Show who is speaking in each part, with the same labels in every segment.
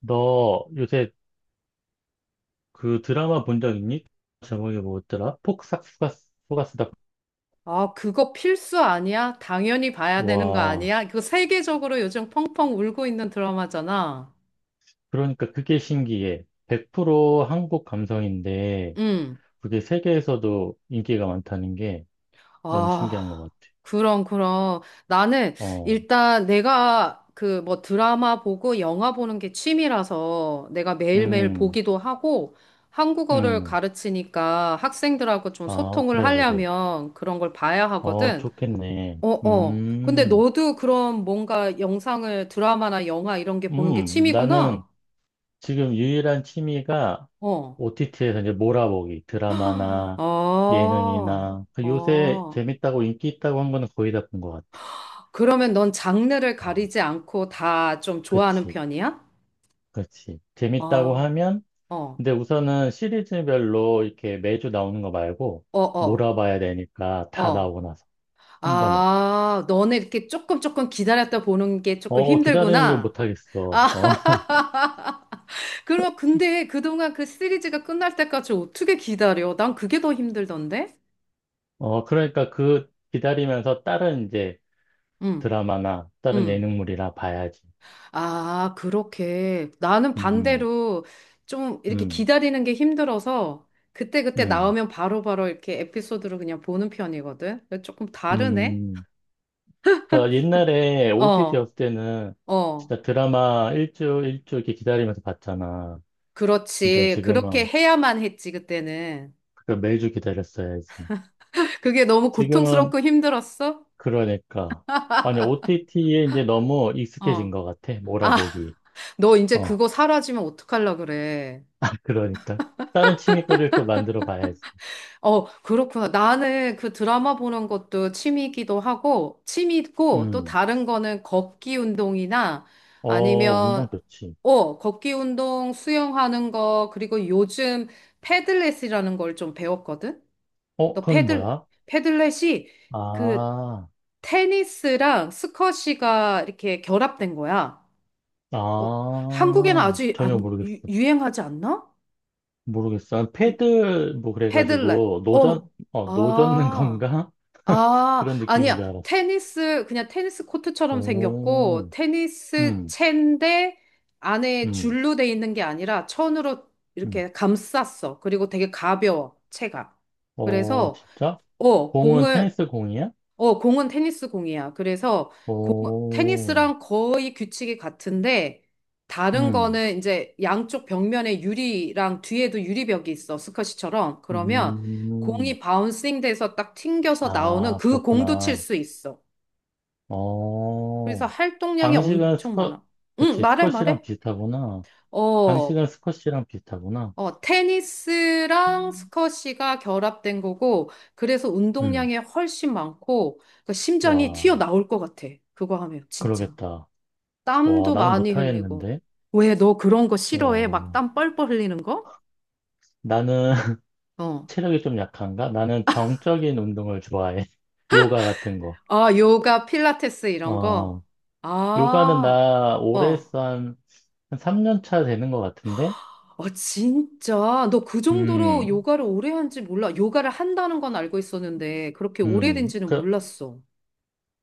Speaker 1: 너 요새 그 드라마 본 적 있니? 제목이 뭐였더라? 폭삭 속았수다.
Speaker 2: 아, 그거 필수 아니야? 당연히 봐야 되는 거
Speaker 1: 와,
Speaker 2: 아니야? 이거 세계적으로 요즘 펑펑 울고 있는 드라마잖아.
Speaker 1: 그러니까 그게 신기해. 100% 한국 감성인데
Speaker 2: 응.
Speaker 1: 그게 세계에서도 인기가 많다는 게 너무 신기한 것
Speaker 2: 아,
Speaker 1: 같아.
Speaker 2: 그럼, 그럼. 나는
Speaker 1: 어,
Speaker 2: 일단 내가 그 뭐 드라마 보고 영화 보는 게 취미라서 내가 매일매일
Speaker 1: 음,
Speaker 2: 보기도 하고 한국어를
Speaker 1: 음.
Speaker 2: 가르치니까 학생들하고 좀
Speaker 1: 아,
Speaker 2: 소통을
Speaker 1: 그래, 그래.
Speaker 2: 하려면 그런 걸 봐야
Speaker 1: 어,
Speaker 2: 하거든.
Speaker 1: 좋겠네.
Speaker 2: 어, 어. 근데 너도 그럼 뭔가 영상을 드라마나 영화 이런 게 보는 게
Speaker 1: 나는
Speaker 2: 취미구나?
Speaker 1: 지금 유일한 취미가
Speaker 2: 어.
Speaker 1: OTT에서 이제 몰아보기,
Speaker 2: 아,
Speaker 1: 드라마나 예능이나 그 요새
Speaker 2: 어.
Speaker 1: 재밌다고 인기 있다고 한 거는 거의 다 본 것 같아.
Speaker 2: 그러면 넌 장르를
Speaker 1: 어,
Speaker 2: 가리지 않고 다 좀 좋아하는
Speaker 1: 그치,
Speaker 2: 편이야?
Speaker 1: 그치. 재밌다고
Speaker 2: 아,
Speaker 1: 하면,
Speaker 2: 어,
Speaker 1: 근데 우선은 시리즈별로 이렇게 매주 나오는 거 말고
Speaker 2: 어, 어,
Speaker 1: 몰아봐야 되니까 다
Speaker 2: 어.
Speaker 1: 나오고 나서 한 번에.
Speaker 2: 아, 너는 이렇게 조금 조금 기다렸다 보는 게 조금
Speaker 1: 어, 기다리는 걸
Speaker 2: 힘들구나.
Speaker 1: 못 하겠어.
Speaker 2: 아,
Speaker 1: 어,
Speaker 2: 그럼 근데 그동안 그 시리즈가 끝날 때까지 어떻게 기다려? 난 그게 더 힘들던데?
Speaker 1: 어, 그러니까 그 기다리면서 다른 이제
Speaker 2: 응,
Speaker 1: 드라마나 다른
Speaker 2: 응.
Speaker 1: 예능물이나 봐야지.
Speaker 2: 아, 그렇게. 나는
Speaker 1: 음,
Speaker 2: 반대로 좀 이렇게
Speaker 1: 음,
Speaker 2: 기다리는 게 힘들어서 그때그때
Speaker 1: 음.
Speaker 2: 나오면 바로바로 이렇게 에피소드로 그냥 보는 편이거든. 근데 조금 다르네?
Speaker 1: 음, 그러니까 옛날에
Speaker 2: 어,
Speaker 1: OTT였을 때는
Speaker 2: 어.
Speaker 1: 진짜 드라마 일주 이렇게 기다리면서 봤잖아. 근데
Speaker 2: 그렇지. 그렇게
Speaker 1: 지금은
Speaker 2: 해야만 했지, 그때는.
Speaker 1: 그걸 매주 기다렸어야지.
Speaker 2: 그게 너무
Speaker 1: 지금은
Speaker 2: 고통스럽고 힘들었어?
Speaker 1: 그러니까 아니 OTT에 이제 너무 익숙해진
Speaker 2: 어.
Speaker 1: 것 같아.
Speaker 2: 아,
Speaker 1: 몰아보기.
Speaker 2: 너 이제
Speaker 1: 어,
Speaker 2: 그거 사라지면 어떡하려 그래.
Speaker 1: 그러니까 다른 취미거리를 또 만들어 봐야지.
Speaker 2: 어, 그렇구나. 나는 그 드라마 보는 것도 취미이기도 하고, 취미고, 또
Speaker 1: 음,
Speaker 2: 다른 거는 걷기 운동이나
Speaker 1: 어, 운동
Speaker 2: 아니면,
Speaker 1: 좋지.
Speaker 2: 걷기 운동, 수영하는 거, 그리고 요즘 패들렛이라는 걸 좀 배웠거든?
Speaker 1: 어,
Speaker 2: 너
Speaker 1: 그건 뭐야?
Speaker 2: 패들렛이 그
Speaker 1: 아,
Speaker 2: 테니스랑 스쿼시가 이렇게 결합된 거야. 어, 한국에는
Speaker 1: 아,
Speaker 2: 아주
Speaker 1: 전혀
Speaker 2: 안, 유,
Speaker 1: 모르겠어.
Speaker 2: 유행하지 않나?
Speaker 1: 모르겠어. 난
Speaker 2: 이-
Speaker 1: 패들 뭐
Speaker 2: 패들렛.
Speaker 1: 그래가지고 노전
Speaker 2: 어,
Speaker 1: 어 노젓는
Speaker 2: 아.
Speaker 1: 건가?
Speaker 2: 아,
Speaker 1: 그런 느낌인
Speaker 2: 아니야.
Speaker 1: 줄 알았어.
Speaker 2: 테니스, 그냥 테니스 코트처럼 생겼고,
Speaker 1: 오,
Speaker 2: 테니스
Speaker 1: 음,
Speaker 2: 채인데 안에
Speaker 1: 음,
Speaker 2: 줄로 돼 있는 게 아니라 천으로
Speaker 1: 음.
Speaker 2: 이렇게 감쌌어. 그리고 되게 가벼워, 채가.
Speaker 1: 어,
Speaker 2: 그래서,
Speaker 1: 진짜?
Speaker 2: 어,
Speaker 1: 공은
Speaker 2: 공을,
Speaker 1: 테니스 공이야?
Speaker 2: 공은 테니스 공이야. 그래서 공,
Speaker 1: 오,
Speaker 2: 테니스랑 거의 규칙이 같은데 다른
Speaker 1: 음,
Speaker 2: 거는 이제 양쪽 벽면에 유리랑 뒤에도 유리벽이 있어. 스쿼시처럼. 그러면
Speaker 1: 음.
Speaker 2: 공이 바운싱 돼서 딱 튕겨서 나오는
Speaker 1: 아,
Speaker 2: 그 공도 칠
Speaker 1: 그렇구나.
Speaker 2: 수 있어. 그래서
Speaker 1: 어,
Speaker 2: 활동량이
Speaker 1: 방식은
Speaker 2: 엄청
Speaker 1: 스쿼,
Speaker 2: 많아. 응,
Speaker 1: 그치,
Speaker 2: 말해,
Speaker 1: 스쿼시랑
Speaker 2: 말해.
Speaker 1: 비슷하구나.
Speaker 2: 어,
Speaker 1: 방식은 스쿼시랑 비슷하구나.
Speaker 2: 테니스랑 스쿼시가 결합된 거고, 그래서
Speaker 1: 음,
Speaker 2: 운동량이 훨씬 많고, 그러니까 심장이
Speaker 1: 와,
Speaker 2: 튀어나올 것 같아. 그거 하면, 진짜.
Speaker 1: 그러겠다. 와,
Speaker 2: 땀도
Speaker 1: 나는
Speaker 2: 많이 흘리고.
Speaker 1: 못하겠는데.
Speaker 2: 왜 너 그런 거 싫어해? 막
Speaker 1: 어,
Speaker 2: 땀 뻘뻘 흘리는 거?
Speaker 1: 나는
Speaker 2: 어.
Speaker 1: 체력이 좀 약한가? 나는 정적인 운동을 좋아해. 요가 같은 거.
Speaker 2: 아, 요가, 필라테스 이런 거?
Speaker 1: 어, 요가는
Speaker 2: 아,
Speaker 1: 나 오래
Speaker 2: 어.
Speaker 1: 했어 한, 한 3년 차 되는 것 같은데?
Speaker 2: 어, 진짜. 너 그 정도로
Speaker 1: 음,
Speaker 2: 요가를 오래 한지 몰라. 요가를 한다는 건 알고 있었는데, 그렇게 오래된지는
Speaker 1: 그,
Speaker 2: 몰랐어.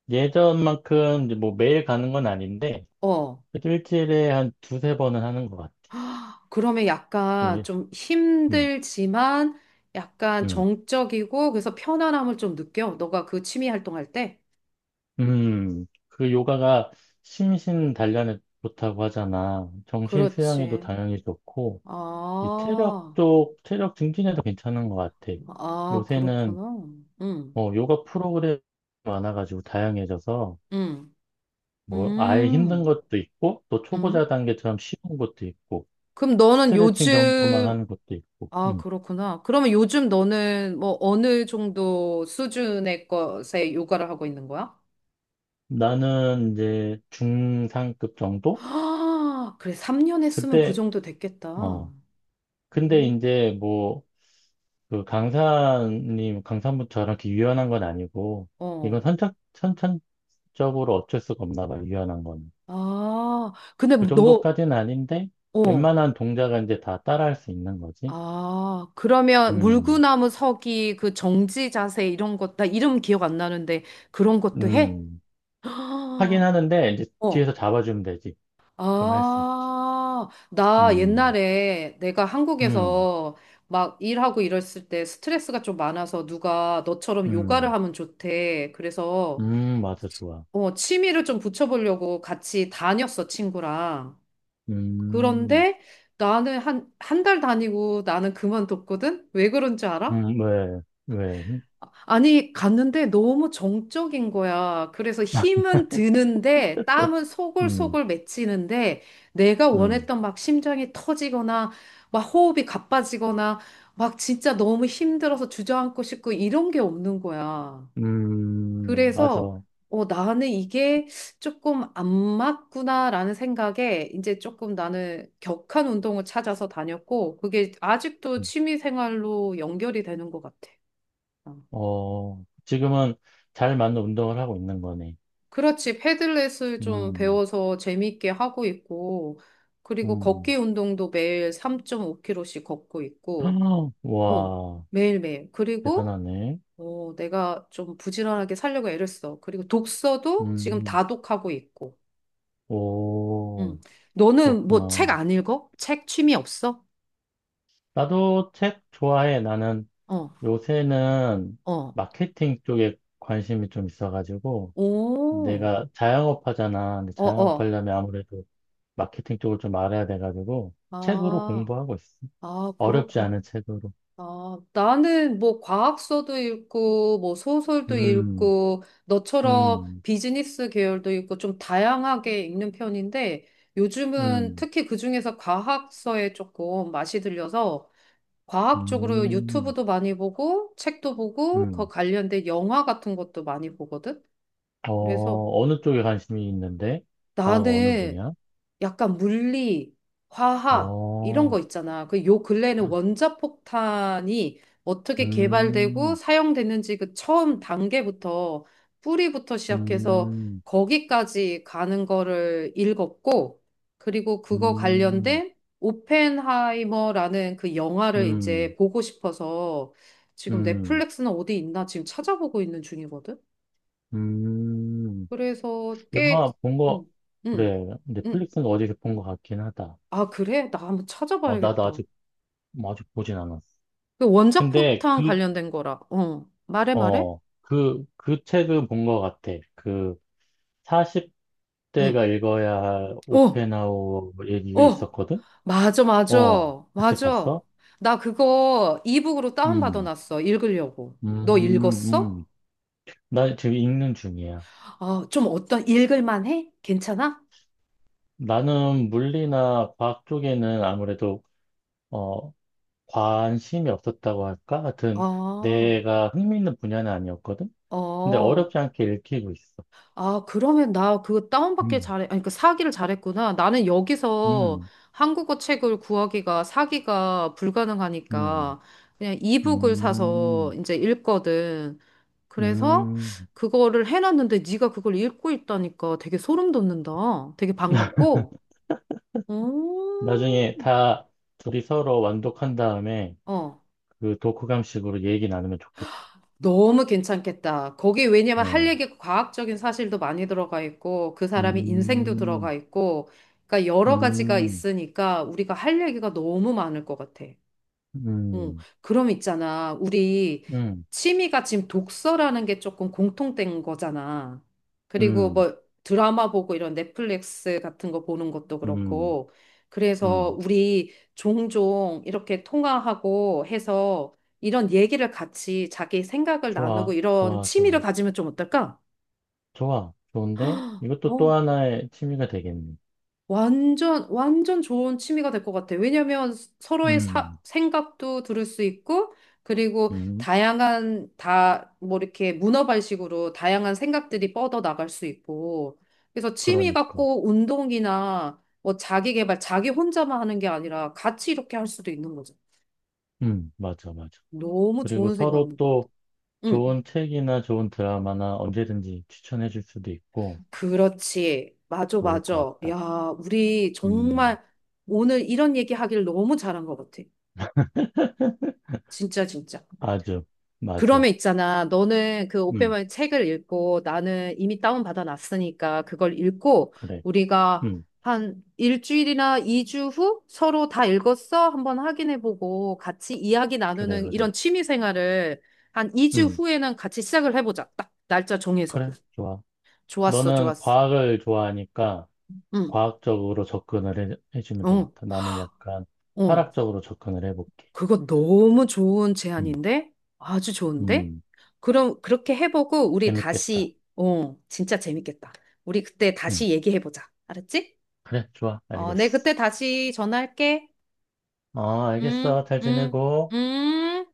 Speaker 1: 예전만큼 이제 뭐 매일 가는 건 아닌데,
Speaker 2: 어.
Speaker 1: 그래도 일주일에 한 두세 번은 하는 것 같아.
Speaker 2: 헉, 그러면 약간
Speaker 1: 이게,
Speaker 2: 좀
Speaker 1: 음,
Speaker 2: 힘들지만, 약간
Speaker 1: 음,
Speaker 2: 정적이고, 그래서 편안함을 좀 느껴. 너가 그 취미 활동할 때?
Speaker 1: 그 요가가 심신 단련에 좋다고 하잖아. 정신 수양에도
Speaker 2: 그렇지.
Speaker 1: 당연히 좋고, 이 체력
Speaker 2: 아.
Speaker 1: 쪽, 체력 증진에도 괜찮은 것 같아.
Speaker 2: 아,
Speaker 1: 요새는
Speaker 2: 그렇구나. 응,
Speaker 1: 어, 요가 프로그램이 많아가지고 다양해져서
Speaker 2: 응,
Speaker 1: 뭐 아예 힘든
Speaker 2: 음,
Speaker 1: 것도 있고 또
Speaker 2: 응.
Speaker 1: 초보자 단계처럼 쉬운 것도 있고
Speaker 2: 그럼 너는
Speaker 1: 스트레칭 정도만
Speaker 2: 요즘,
Speaker 1: 하는 것도 있고.
Speaker 2: 아,
Speaker 1: 음.
Speaker 2: 그렇구나. 그러면 요즘 너는 뭐 어느 정도 수준의 것에 요가를 하고 있는 거야?
Speaker 1: 나는 이제 중상급 정도?
Speaker 2: 아, 그래. 3년 했으면 그
Speaker 1: 그때
Speaker 2: 정도 됐겠다.
Speaker 1: 어 근데
Speaker 2: 음,
Speaker 1: 이제 뭐 그 강사님 강사분 저랑 이렇게 유연한 건 아니고 이건
Speaker 2: 어.
Speaker 1: 선착 선천적으로 어쩔 수가 없나 봐 유연한 건.
Speaker 2: 아, 근데
Speaker 1: 그
Speaker 2: 너,
Speaker 1: 정도까지는 아닌데,
Speaker 2: 어.
Speaker 1: 웬만한 동작은 이제 다 따라할 수 있는 거지.
Speaker 2: 아, 그러면
Speaker 1: 음,
Speaker 2: 물구나무 서기, 그 정지 자세 이런 것, 나 이름 기억 안 나는데 그런 것도 해?
Speaker 1: 음. 하긴
Speaker 2: 아,
Speaker 1: 하는데, 이제 뒤에서
Speaker 2: 어.
Speaker 1: 잡아주면 되지. 그럼 할 수 있지.
Speaker 2: 아, 나
Speaker 1: 음,
Speaker 2: 옛날에 내가
Speaker 1: 음,
Speaker 2: 한국에서 막 일하고 이랬을 때 스트레스가 좀 많아서 누가 너처럼 요가를
Speaker 1: 음,
Speaker 2: 하면 좋대. 그래서
Speaker 1: 맞아, 좋아.
Speaker 2: 취미를 좀 붙여보려고 같이 다녔어, 친구랑.
Speaker 1: 음,
Speaker 2: 그런데 나는 한, 한 달 다니고 나는 그만뒀거든? 왜 그런 줄 알아?
Speaker 1: 왜, 왜,
Speaker 2: 아니, 갔는데 너무 정적인 거야. 그래서 힘은 드는데 땀은
Speaker 1: 음,
Speaker 2: 소골소골 맺히는데 내가
Speaker 1: 음,
Speaker 2: 원했던 막 심장이 터지거나 막 호흡이 가빠지거나 막 진짜 너무 힘들어서 주저앉고 싶고 이런 게 없는 거야.
Speaker 1: 맞아.
Speaker 2: 그래서 나는 이게 조금 안 맞구나라는 생각에 이제 조금 나는 격한 운동을 찾아서 다녔고 그게 아직도
Speaker 1: 음,
Speaker 2: 취미 생활로 연결이 되는 것 같아. 어.
Speaker 1: 어, 지금은 잘 맞는 운동을 하고 있는 거네.
Speaker 2: 그렇지. 패들렛을 좀
Speaker 1: 음,
Speaker 2: 배워서 재밌게 하고 있고, 그리고 걷기
Speaker 1: 음.
Speaker 2: 운동도 매일 3 5 k 로씩 걷고 있고, 어,
Speaker 1: 와,
Speaker 2: 매일매일. 그리고,
Speaker 1: 대단하네.
Speaker 2: 내가 좀 부지런하게 살려고 애를 써. 그리고 독서도 지금
Speaker 1: 음.
Speaker 2: 다독하고 있고, 음
Speaker 1: 오,
Speaker 2: 너는 뭐
Speaker 1: 그렇구나.
Speaker 2: 책 안 읽어? 책 취미 없어?
Speaker 1: 나도 책 좋아해. 나는
Speaker 2: 어,
Speaker 1: 요새는
Speaker 2: 어,
Speaker 1: 마케팅 쪽에 관심이 좀 있어가지고,
Speaker 2: 오,
Speaker 1: 내가 자영업 하잖아. 근데
Speaker 2: 어,
Speaker 1: 자영업
Speaker 2: 어.
Speaker 1: 하려면 아무래도 마케팅 쪽을 좀 알아야 돼가지고, 책으로
Speaker 2: 아,
Speaker 1: 공부하고 있어.
Speaker 2: 아,
Speaker 1: 어렵지
Speaker 2: 그렇구나.
Speaker 1: 않은 책으로.
Speaker 2: 아, 나는 뭐 과학서도 읽고, 뭐 소설도
Speaker 1: 음,
Speaker 2: 읽고, 너처럼
Speaker 1: 음,
Speaker 2: 비즈니스 계열도 읽고, 좀 다양하게 읽는 편인데, 요즘은
Speaker 1: 음,
Speaker 2: 특히 그중에서 과학서에 조금 맛이 들려서, 과학적으로
Speaker 1: 음,
Speaker 2: 유튜브도 많이 보고, 책도 보고, 그
Speaker 1: 음.
Speaker 2: 관련된 영화 같은 것도 많이 보거든? 그래서
Speaker 1: 어, 어느 쪽에 관심이 있는데? 과학 어느
Speaker 2: 나는
Speaker 1: 분야?
Speaker 2: 약간 물리, 화학 이런
Speaker 1: 어,
Speaker 2: 거 있잖아. 그 요 근래에는 원자폭탄이 어떻게 개발되고
Speaker 1: 음,
Speaker 2: 사용됐는지 그 처음 단계부터 뿌리부터 시작해서
Speaker 1: 음.
Speaker 2: 거기까지 가는 거를 읽었고 그리고 그거
Speaker 1: 음,
Speaker 2: 관련된 오펜하이머라는 그 영화를
Speaker 1: 음,
Speaker 2: 이제 보고 싶어서 지금
Speaker 1: 음,
Speaker 2: 넷플릭스는 어디 있나 지금 찾아보고 있는 중이거든.
Speaker 1: 음.
Speaker 2: 그래서 꽤.
Speaker 1: 영화 본
Speaker 2: 음,
Speaker 1: 거,
Speaker 2: 음,
Speaker 1: 그래.
Speaker 2: 음,
Speaker 1: 넷플릭스는 어디서 본 거 같긴 하다.
Speaker 2: 아, 그래? 나 한번
Speaker 1: 어, 나도
Speaker 2: 찾아봐야겠다.
Speaker 1: 아직, 뭐 아직 보진 않았어.
Speaker 2: 그 원자
Speaker 1: 근데
Speaker 2: 폭탄
Speaker 1: 그,
Speaker 2: 관련된 거라. 어. 말해, 말해?
Speaker 1: 어, 그 책은 본 거 같아. 그,
Speaker 2: 응.
Speaker 1: 40대가 읽어야 할
Speaker 2: 어,
Speaker 1: 오펜하우어 얘기가
Speaker 2: 어.
Speaker 1: 있었거든?
Speaker 2: 맞아,
Speaker 1: 어,
Speaker 2: 맞아.
Speaker 1: 그 책
Speaker 2: 맞아.
Speaker 1: 봤어?
Speaker 2: 나 그거 이북으로
Speaker 1: 음,
Speaker 2: 다운받아놨어. 읽으려고. 너
Speaker 1: 음,
Speaker 2: 읽었어?
Speaker 1: 음. 나 지금 읽는 중이야.
Speaker 2: 아, 좀 어떤, 읽을만 해? 괜찮아?
Speaker 1: 나는 물리나 과학 쪽에는 아무래도, 어, 관심이 없었다고 할까? 하여튼
Speaker 2: 아,
Speaker 1: 내가 흥미있는 분야는 아니었거든? 근데
Speaker 2: 어.
Speaker 1: 어렵지 않게 읽히고 있어.
Speaker 2: 아, 그러면 나 그거 다운받길
Speaker 1: 음,
Speaker 2: 잘해. 아니, 그 사기를 잘했구나. 나는 여기서
Speaker 1: 음,
Speaker 2: 한국어 책을 구하기가 사기가
Speaker 1: 음,
Speaker 2: 불가능하니까 그냥 이북을 사서
Speaker 1: 음,
Speaker 2: 이제 읽거든. 그래서
Speaker 1: 음.
Speaker 2: 그거를 해놨는데 네가 그걸 읽고 있다니까 되게 소름 돋는다. 되게 반갑고. 음.
Speaker 1: 나중에 다 둘이 서로 완독한 다음에
Speaker 2: 어.
Speaker 1: 그 독후감식으로 얘기 나누면 좋겠다.
Speaker 2: 너무 괜찮겠다. 거기 왜냐면 할
Speaker 1: 어.
Speaker 2: 얘기 과학적인 사실도 많이 들어가 있고 그 사람이 인생도
Speaker 1: 음,
Speaker 2: 들어가 있고 그러니까 여러 가지가
Speaker 1: 음,
Speaker 2: 있으니까 우리가 할 얘기가 너무 많을 것 같아. 어,
Speaker 1: 음,
Speaker 2: 그럼 있잖아. 우리
Speaker 1: 음,
Speaker 2: 취미가 지금 독서라는 게 조금 공통된 거잖아. 그리고
Speaker 1: 음,
Speaker 2: 뭐 드라마 보고 이런 넷플릭스 같은 거 보는 것도
Speaker 1: 음,
Speaker 2: 그렇고. 그래서
Speaker 1: 음.
Speaker 2: 우리 종종 이렇게 통화하고 해서 이런 얘기를 같이 자기 생각을 나누고
Speaker 1: 좋아,
Speaker 2: 이런
Speaker 1: 좋아,
Speaker 2: 취미를
Speaker 1: 좋아,
Speaker 2: 가지면 좀 어떨까?
Speaker 1: 좋아, 좋은데? 이것도 또
Speaker 2: 어,
Speaker 1: 하나의 취미가 되겠네.
Speaker 2: 완전, 완전 좋은 취미가 될 것 같아. 왜냐면 서로의
Speaker 1: 음.
Speaker 2: 생각도 들을 수 있고, 그리고
Speaker 1: 음,
Speaker 2: 다양한, 뭐 이렇게 문어발식으로 다양한 생각들이 뻗어 나갈 수 있고. 그래서 취미가
Speaker 1: 그러니까.
Speaker 2: 꼭 운동이나 뭐 자기 개발, 자기 혼자만 하는 게 아니라 같이 이렇게 할 수도 있는 거죠.
Speaker 1: 맞아, 맞아.
Speaker 2: 너무
Speaker 1: 그리고
Speaker 2: 좋은
Speaker 1: 서로
Speaker 2: 생각인 것 같아.
Speaker 1: 또
Speaker 2: 응,
Speaker 1: 좋은 책이나 좋은 드라마나 언제든지 추천해 줄 수도 있고,
Speaker 2: 그렇지. 맞아,
Speaker 1: 좋을 것
Speaker 2: 맞아. 야,
Speaker 1: 같다.
Speaker 2: 우리
Speaker 1: 음,
Speaker 2: 정말 오늘 이런 얘기 하길 너무 잘한 것 같아. 진짜, 진짜.
Speaker 1: 아주, 맞아.
Speaker 2: 그러면 있잖아. 너는 그
Speaker 1: 음,
Speaker 2: 오페머의 책을 읽고 나는 이미 다운받아 놨으니까 그걸 읽고
Speaker 1: 그래.
Speaker 2: 우리가
Speaker 1: 음,
Speaker 2: 한 일주일이나 2주 후 서로 다 읽었어? 한번 확인해보고 같이 이야기
Speaker 1: 그래,
Speaker 2: 나누는
Speaker 1: 그래.
Speaker 2: 이런 취미 생활을 한 2주
Speaker 1: 음,
Speaker 2: 후에는 같이 시작을 해보자. 딱 날짜 정해서.
Speaker 1: 그래, 좋아.
Speaker 2: 좋았어,
Speaker 1: 너는
Speaker 2: 좋았어.
Speaker 1: 과학을 좋아하니까
Speaker 2: 응,
Speaker 1: 과학적으로 접근을 해주면
Speaker 2: 어,
Speaker 1: 되겠다. 나는 약간
Speaker 2: 어.
Speaker 1: 철학적으로 접근을 해볼게.
Speaker 2: 그거 너무 좋은
Speaker 1: 음,
Speaker 2: 제안인데? 아주 좋은데?
Speaker 1: 음,
Speaker 2: 그럼 그렇게 해보고 우리
Speaker 1: 재밌겠다.
Speaker 2: 다시, 진짜 재밌겠다. 우리 그때
Speaker 1: 음,
Speaker 2: 다시 얘기해보자. 알았지?
Speaker 1: 그래, 좋아.
Speaker 2: 내
Speaker 1: 알겠어.
Speaker 2: 그때 다시 전화할게.
Speaker 1: 어,
Speaker 2: 음,
Speaker 1: 알겠어. 잘
Speaker 2: 음,
Speaker 1: 지내고.
Speaker 2: 음.